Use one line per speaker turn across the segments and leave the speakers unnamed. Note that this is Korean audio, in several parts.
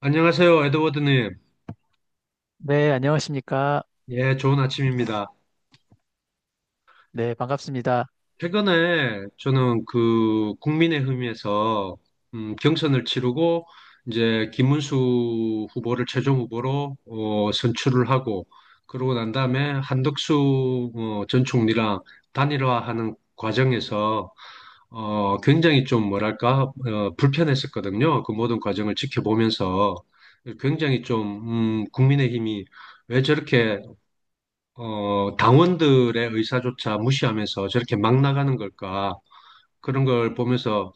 안녕하세요, 에드워드님.
네, 안녕하십니까.
예, 좋은 아침입니다.
네, 반갑습니다.
최근에 저는 그 국민의힘에서 경선을 치르고 이제 김문수 후보를 최종 후보로 선출을 하고, 그러고 난 다음에 한덕수 전 총리랑 단일화하는 과정에서 굉장히 좀 뭐랄까 불편했었거든요. 그 모든 과정을 지켜보면서 굉장히 좀 국민의힘이 왜 저렇게 당원들의 의사조차 무시하면서 저렇게 막 나가는 걸까? 그런 걸 보면서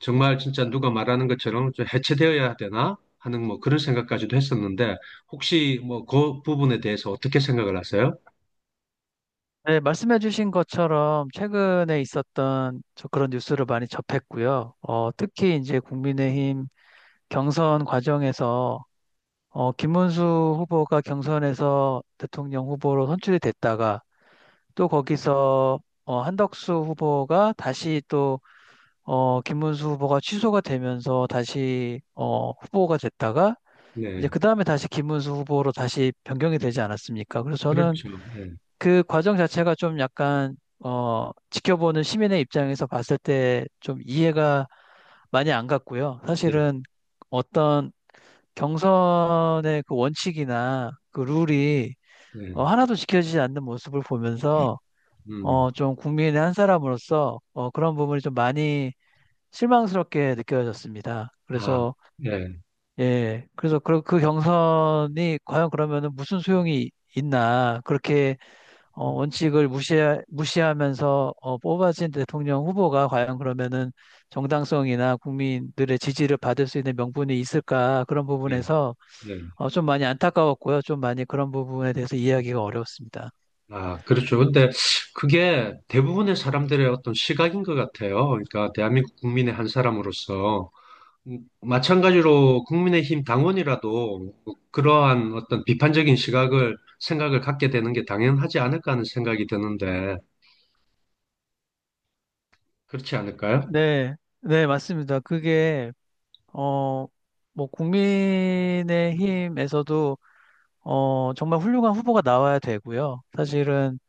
정말 진짜 누가 말하는 것처럼 좀 해체되어야 되나 하는 뭐 그런 생각까지도 했었는데 혹시 뭐 그 부분에 대해서 어떻게 생각을 하세요?
네, 말씀해주신 것처럼 최근에 있었던 저 그런 뉴스를 많이 접했고요. 특히 이제 국민의힘 경선 과정에서 김문수 후보가 경선에서 대통령 후보로 선출이 됐다가 또 거기서 한덕수 후보가 다시 또 김문수 후보가 취소가 되면서 다시 후보가 됐다가 이제
네,
그 다음에 다시 김문수 후보로 다시 변경이 되지 않았습니까? 그래서 저는
그렇죠. 네,
그 과정 자체가 좀 약간 지켜보는 시민의 입장에서 봤을 때 좀 이해가 많이 안 갔고요.
네,
사실은 어떤 경선의 그 원칙이나 그 룰이
네.
하나도 지켜지지 않는 모습을 보면서
음.
좀 국민의 한 사람으로서 그런 부분이 좀 많이 실망스럽게 느껴졌습니다.
아,
그래서
네,
예, 그래서 그 경선이 과연 그러면은 무슨 소용이 있나 그렇게 원칙을 무시하면서 뽑아진 대통령 후보가 과연 그러면은 정당성이나 국민들의 지지를 받을 수 있는 명분이 있을까 그런
네,
부분에서
네.
좀 많이 안타까웠고요. 좀 많이 그런 부분에 대해서 이해하기가 어려웠습니다.
아, 그렇죠. 근데 그게 대부분의 사람들의 어떤 시각인 것 같아요. 그러니까 대한민국 국민의 한 사람으로서. 마찬가지로 국민의힘 당원이라도 그러한 어떤 비판적인 시각을 생각을 갖게 되는 게 당연하지 않을까 하는 생각이 드는데 그렇지 않을까요?
네, 네, 맞습니다. 그게 어, 뭐 국민의힘에서도 정말 훌륭한 후보가 나와야 되고요. 사실은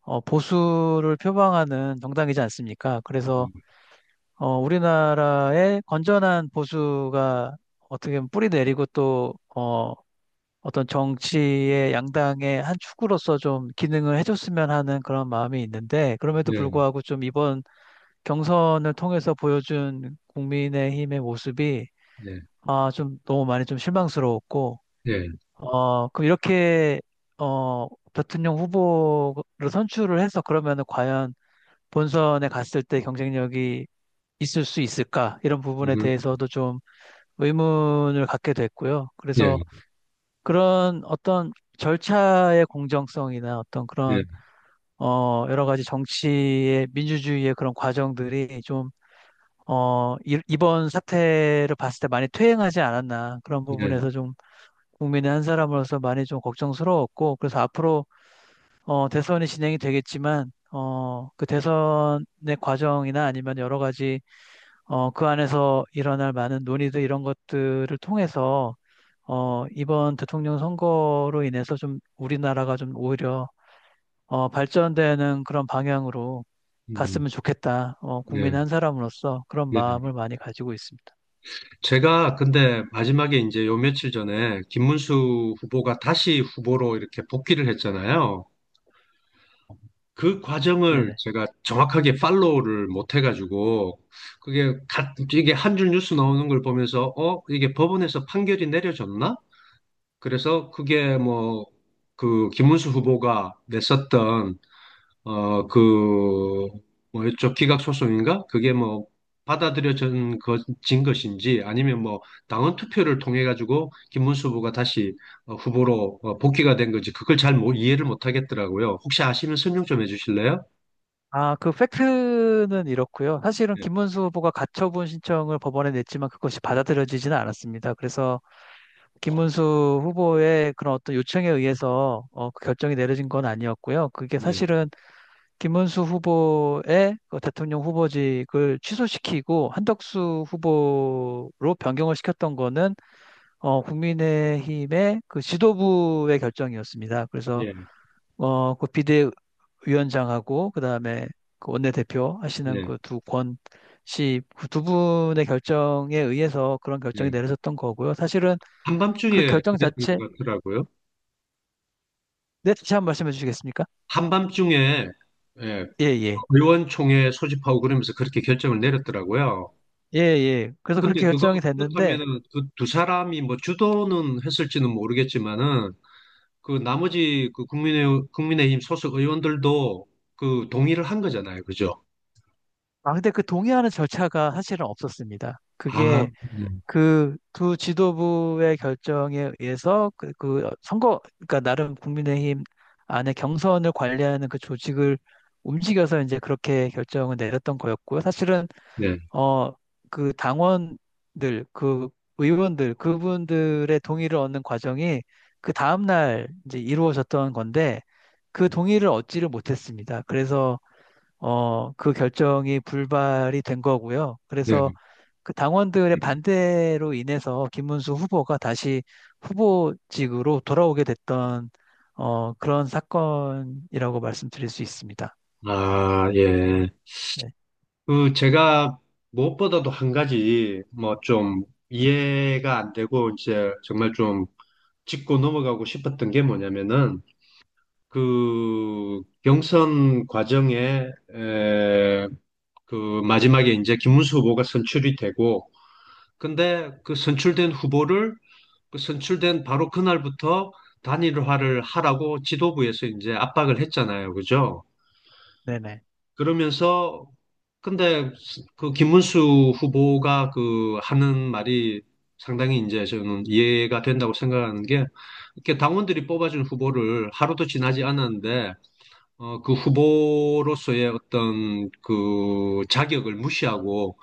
보수를 표방하는 정당이지 않습니까? 그래서
음,
우리나라의 건전한 보수가 어떻게 보면 뿌리 내리고 또, 어떤 정치의 양당의 한 축으로서 좀 기능을 해줬으면 하는 그런 마음이 있는데, 그럼에도
예,
불구하고 좀 이번 경선을 통해서 보여준 국민의힘의 모습이,
예,
아, 좀 너무 많이 좀 실망스러웠고,
예.
그럼 이렇게, 대통령 후보를 선출을 해서 그러면은 과연 본선에 갔을 때 경쟁력이 있을 수 있을까? 이런 부분에
음,
대해서도 좀 의문을 갖게 됐고요.
예,
그래서 그런 어떤 절차의 공정성이나 어떤
예,
그런 여러 가지 정치의 민주주의의 그런 과정들이 좀 이- 번 사태를 봤을 때 많이 퇴행하지 않았나 그런
예.
부분에서 좀 국민의 한 사람으로서 많이 좀 걱정스러웠고 그래서 앞으로 대선이 진행이 되겠지만 그 대선의 과정이나 아니면 여러 가지 그 안에서 일어날 많은 논의들 이런 것들을 통해서 이번 대통령 선거로 인해서 좀 우리나라가 좀 오히려 발전되는 그런 방향으로
음,
갔으면 좋겠다.
예,
국민 한 사람으로서 그런
예.
마음을 많이 가지고 있습니다.
제가 근데 마지막에 이제 요 며칠 전에 김문수 후보가 다시 후보로 이렇게 복귀를 했잖아요. 그 과정을
네네.
제가 정확하게 팔로우를 못 해가지고 이게 한 줄 뉴스 나오는 걸 보면서 이게 법원에서 판결이 내려졌나? 그래서 그게 뭐 그 김문수 후보가 냈었던 그 뭐였죠, 기각 소송인가? 그게 뭐 받아들여진 것, 진 것인지, 아니면 뭐 당원 투표를 통해 가지고 김문수 후보가 다시 후보로 복귀가 된 건지 그걸 잘 이해를 못 하겠더라고요. 혹시 아시면 설명 좀 해주실래요?
아, 그 팩트는 이렇고요. 사실은 김문수 후보가 가처분 신청을 법원에 냈지만 그것이 받아들여지지는 않았습니다. 그래서 김문수 후보의 그런 어떤 요청에 의해서 그 결정이 내려진 건 아니었고요. 그게
예,
사실은 김문수 후보의 그 대통령 후보직을 취소시키고 한덕수 후보로 변경을 시켰던 거는 국민의힘의 그 지도부의 결정이었습니다. 그래서
예,
그 비대위원장하고 그다음에 그 원내대표 하시는
예,
그 두 권 씨, 그두 분의 결정에 의해서 그런 결정이
예.
내려졌던 거고요. 사실은, 그
한밤중에
결정
그랬던
자체,
것 같더라고요.
네, 다시 한번 말씀해 주시겠습니까?
한밤중에. 예.
예, 예.
의원총회 소집하고 그러면서 그렇게 결정을 내렸더라고요.
예, 예. 그래서
근데
그렇게 결정이
그거
됐는데
그렇다면은 그 두 사람이 뭐 주도는 했을지는 모르겠지만은 그 나머지 그 국민의힘 소속 의원들도 그 동의를 한 거잖아요, 그죠?
아, 근데 그 동의하는 절차가 사실은 없었습니다.
아,
그게
네,
그 두 지도부의 결정에 의해서 그 선거, 그러니까 나름 국민의힘 안에 경선을 관리하는 그 조직을 움직여서 이제 그렇게 결정을 내렸던 거였고요. 사실은,
네,
어, 그 당원들, 그 의원들, 그분들의 동의를 얻는 과정이 그 다음날 이제 이루어졌던 건데 그 동의를 얻지를 못했습니다. 그래서 그 결정이 불발이 된 거고요.
네.
그래서 그 당원들의 반대로 인해서 김문수 후보가 다시 후보직으로 돌아오게 됐던 그런 사건이라고 말씀드릴 수 있습니다.
아, 예.
네,
그 제가 무엇보다도 한 가지 뭐 좀 이해가 안 되고 이제 정말 좀 짚고 넘어가고 싶었던 게 뭐냐면은 그 경선 과정에 에, 그 마지막에 이제 김문수 후보가 선출이 되고, 근데 그 선출된 후보를 그 선출된 바로 그날부터 단일화를 하라고 지도부에서 이제 압박을 했잖아요, 그죠?
네네.
그러면서 근데 그 김문수 후보가 그 하는 말이 상당히 이제 저는 이해가 된다고 생각하는 게, 이렇게 당원들이 뽑아준 후보를 하루도 지나지 않았는데 그 후보로서의 어떤 그 자격을 무시하고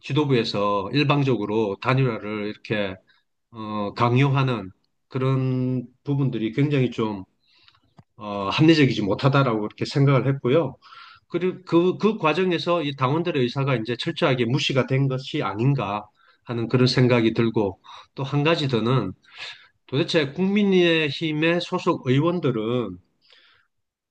지도부에서 일방적으로 단일화를 이렇게 강요하는 그런 부분들이 굉장히 좀 합리적이지 못하다라고 이렇게 생각을 했고요. 그리고 그 과정에서 이 당원들의 의사가 이제 철저하게 무시가 된 것이 아닌가 하는 그런 생각이 들고, 또 한 가지 더는 도대체 국민의힘의 소속 의원들은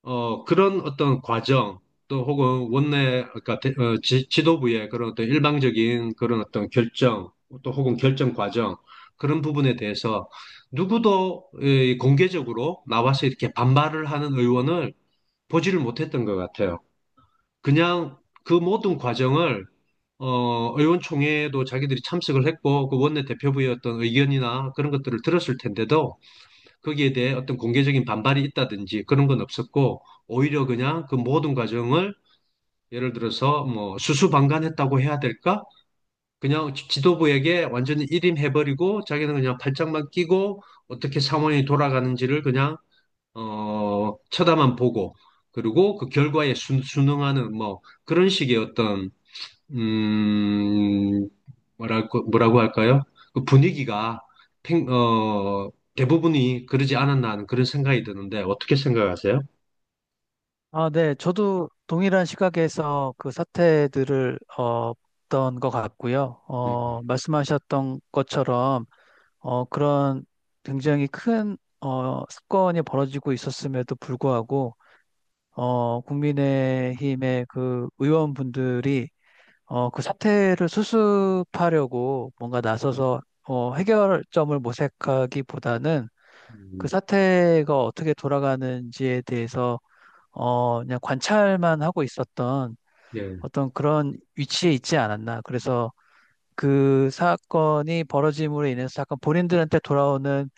그런 어떤 과정 또 혹은 원내 그러니까 지도부의 그런 어떤 일방적인 그런 어떤 결정 또 혹은 결정 과정 그런 부분에 대해서 누구도 공개적으로 나와서 이렇게 반발을 하는 의원을 보지를 못했던 것 같아요. 그냥 그 모든 과정을 의원총회에도 자기들이 참석을 했고 그 원내 대표부의 어떤 의견이나 그런 것들을 들었을 텐데도 거기에 대해 어떤 공개적인 반발이 있다든지 그런 건 없었고, 오히려 그냥 그 모든 과정을 예를 들어서 뭐 수수방관했다고 해야 될까? 그냥 지도부에게 완전히 일임해버리고 자기는 그냥 팔짱만 끼고 어떻게 상황이 돌아가는지를 그냥 쳐다만 보고, 그리고 그 결과에 순응하는 뭐 그런 식의 어떤 음, 뭐랄까, 뭐라고 할까요? 그 분위기가 팽- 어, 대부분이 그러지 않았나 하는 그런 생각이 드는데, 어떻게 생각하세요?
아, 네. 저도 동일한 시각에서 그 사태들을 봤던 것 같고요.
네.
말씀하셨던 것처럼 그런 굉장히 큰 사건이 벌어지고 있었음에도 불구하고 국민의힘의 그 의원분들이 그 사태를 수습하려고 뭔가 나서서 해결점을 모색하기보다는 그
음,
사태가 어떻게 돌아가는지에 대해서 그냥 관찰만 하고 있었던
예.
어떤 그런 위치에 있지 않았나. 그래서 그 사건이 벌어짐으로 인해서 약간 본인들한테 돌아오는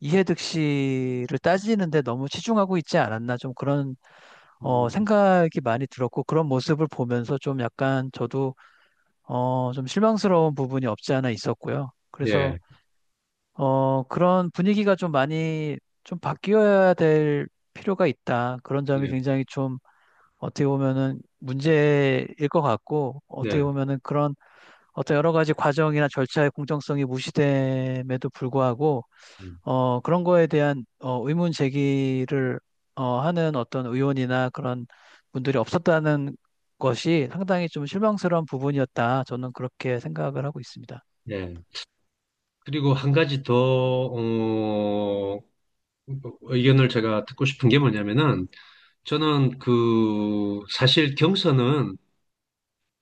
이해득실을 따지는데 너무 치중하고 있지 않았나. 좀 그런
음,
생각이 많이 들었고 그런 모습을 보면서 좀 약간 저도 좀 실망스러운 부분이 없지 않아 있었고요. 그래서
예,
그런 분위기가 좀 많이 좀 바뀌어야 될 필요가 있다. 그런 점이
예.
굉장히 좀 어떻게 보면은 문제일 것 같고
네.
어떻게 보면은 그런 어떤 여러 가지 과정이나 절차의 공정성이 무시됨에도 불구하고
음,
그런 거에 대한 의문 제기를 하는 어떤 의원이나 그런 분들이 없었다는 것이 상당히 좀 실망스러운 부분이었다. 저는 그렇게 생각을 하고 있습니다.
예. 그리고 한 가지 더, 의견을 제가 듣고 싶은 게 뭐냐면은, 저는 그, 사실 경선은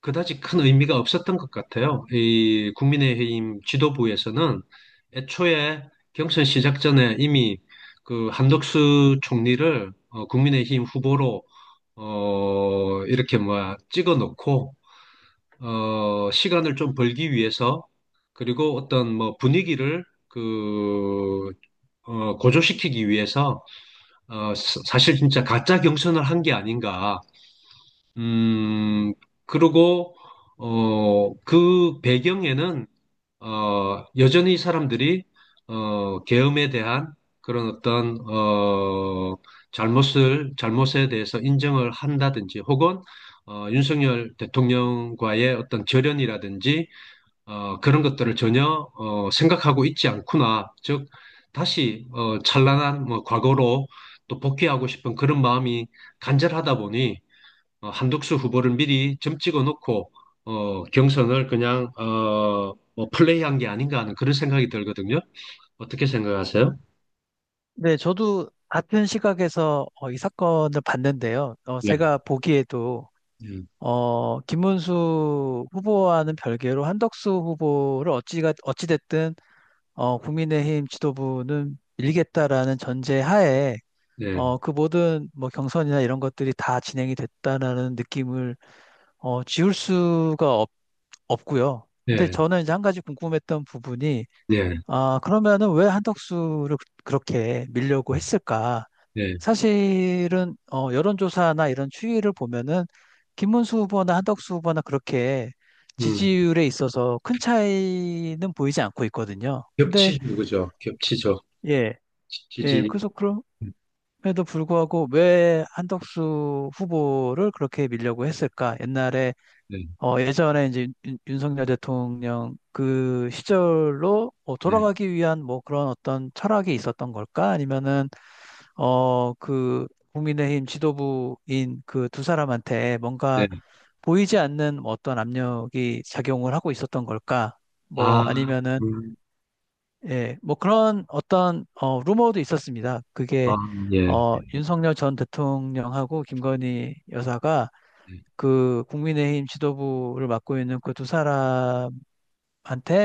그다지 큰 의미가 없었던 것 같아요. 이 국민의힘 지도부에서는 애초에 경선 시작 전에 이미 그 한덕수 총리를 국민의힘 후보로 이렇게 뭐 찍어 놓고 시간을 좀 벌기 위해서, 그리고 어떤 뭐 분위기를 그 고조시키기 위해서 사실 진짜 가짜 경선을 한 게 아닌가. 음, 그리고, 어, 그 배경에는 여전히 사람들이 계엄에 대한 그런 어떤 잘못에 대해서 인정을 한다든지, 혹은 윤석열 대통령과의 어떤 절연이라든지 그런 것들을 전혀 생각하고 있지 않구나. 즉, 다시 찬란한 뭐 과거로 또 복귀하고 싶은 그런 마음이 간절하다 보니 한덕수 후보를 미리 점 찍어 놓고 경선을 그냥 뭐 플레이한 게 아닌가 하는 그런 생각이 들거든요. 어떻게 생각하세요?
네, 저도 같은 시각에서 이 사건을 봤는데요.
네,
제가 보기에도
네,
김문수 후보와는 별개로 한덕수 후보를 어찌가 어찌됐든 국민의힘 지도부는 밀겠다라는 전제 하에
네,
그 모든 뭐 경선이나 이런 것들이 다 진행이 됐다라는 느낌을 지울 수가 없고요. 근데
네,
저는 이제 한 가지 궁금했던 부분이
네,
아, 그러면은 왜 한덕수를 그렇게 밀려고 했을까?
네.
사실은 여론조사나 이런 추이를 보면은 김문수 후보나 한덕수 후보나 그렇게
음.
지지율에 있어서 큰 차이는 보이지 않고 있거든요. 근데
겹치죠, 그죠? 겹치죠.
예, 예,
지지.
그래서 그럼에도 불구하고 왜 한덕수 후보를 그렇게 밀려고 했을까? 옛날에
네,
어, 예전에 이제 윤석열 대통령 그 시절로
네,
돌아가기 위한 뭐 그런 어떤 철학이 있었던 걸까? 아니면은 그 국민의힘 지도부인 그 두 사람한테 뭔가
네.
보이지 않는 뭐 어떤 압력이 작용을 하고 있었던 걸까?
아,
뭐 아니면은
음,
예, 뭐 그런 어떤 루머도 있었습니다.
아,
그게
예.
윤석열 전 대통령하고 김건희 여사가
네,
그 국민의힘 지도부를 맡고 있는 그 두 사람한테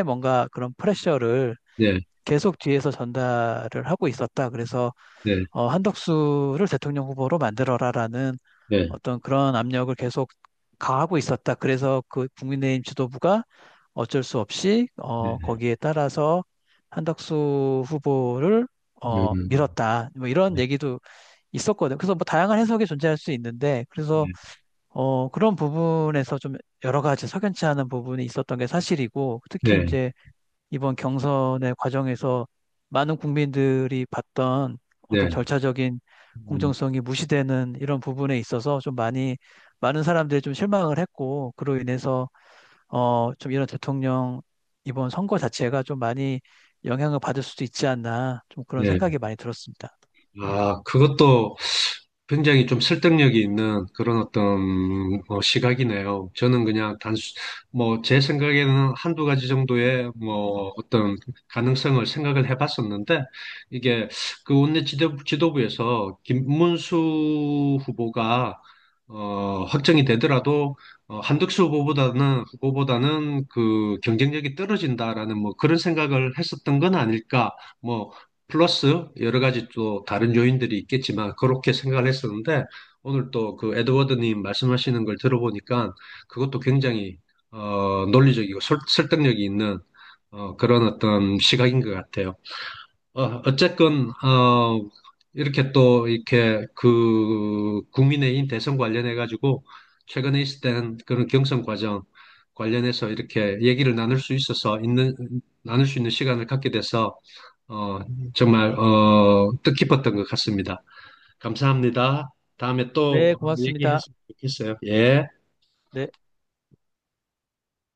뭔가 그런 프레셔를
네,
계속 뒤에서 전달을 하고 있었다. 그래서
네,
한덕수를 대통령 후보로 만들어라라는
네,
어떤 그런 압력을 계속 가하고 있었다. 그래서 그 국민의힘 지도부가 어쩔 수 없이
네.
거기에 따라서 한덕수 후보를
음.
밀었다. 뭐 이런
네,
얘기도 있었거든요. 그래서 뭐 다양한 해석이 존재할 수 있는데 그래서
네,
그런 부분에서 좀 여러 가지 석연치 않은 부분이 있었던 게 사실이고 특히
네,
이제 이번 경선의 과정에서 많은 국민들이 봤던 어떤
네.
절차적인
음.
공정성이 무시되는 이런 부분에 있어서 좀 많이 많은 사람들이 좀 실망을 했고 그로 인해서 좀 이런 대통령 이번 선거 자체가 좀 많이 영향을 받을 수도 있지 않나 좀 그런
네.
생각이 많이 들었습니다.
아, 그것도 굉장히 좀 설득력이 있는 그런 어떤 뭐 시각이네요. 저는 그냥 뭐 제 생각에는 한두 가지 정도의 뭐 어떤 가능성을 생각을 해봤었는데, 이게 그 원내 지도부에서 김문수 후보가 확정이 되더라도 한덕수 후보보다는 그 경쟁력이 떨어진다라는 뭐 그런 생각을 했었던 건 아닐까, 뭐 플러스 여러 가지 또 다른 요인들이 있겠지만 그렇게 생각을 했었는데, 오늘 또 그 에드워드님 말씀하시는 걸 들어보니까 그것도 굉장히 논리적이고 설득력이 있는 그런 어떤 시각인 것 같아요. 어쨌건, 이렇게 또, 이렇게 그, 국민의힘 대선 관련해가지고 최근에 있었던 그런 경선 과정 관련해서 이렇게 얘기를 나눌 수 있어서, 있는, 나눌 수 있는 시간을 갖게 돼서, 어, 정말 뜻깊었던 것 같습니다. 감사합니다. 다음에 또
네, 고맙습니다.
얘기했으면 좋겠어요. 예.
네.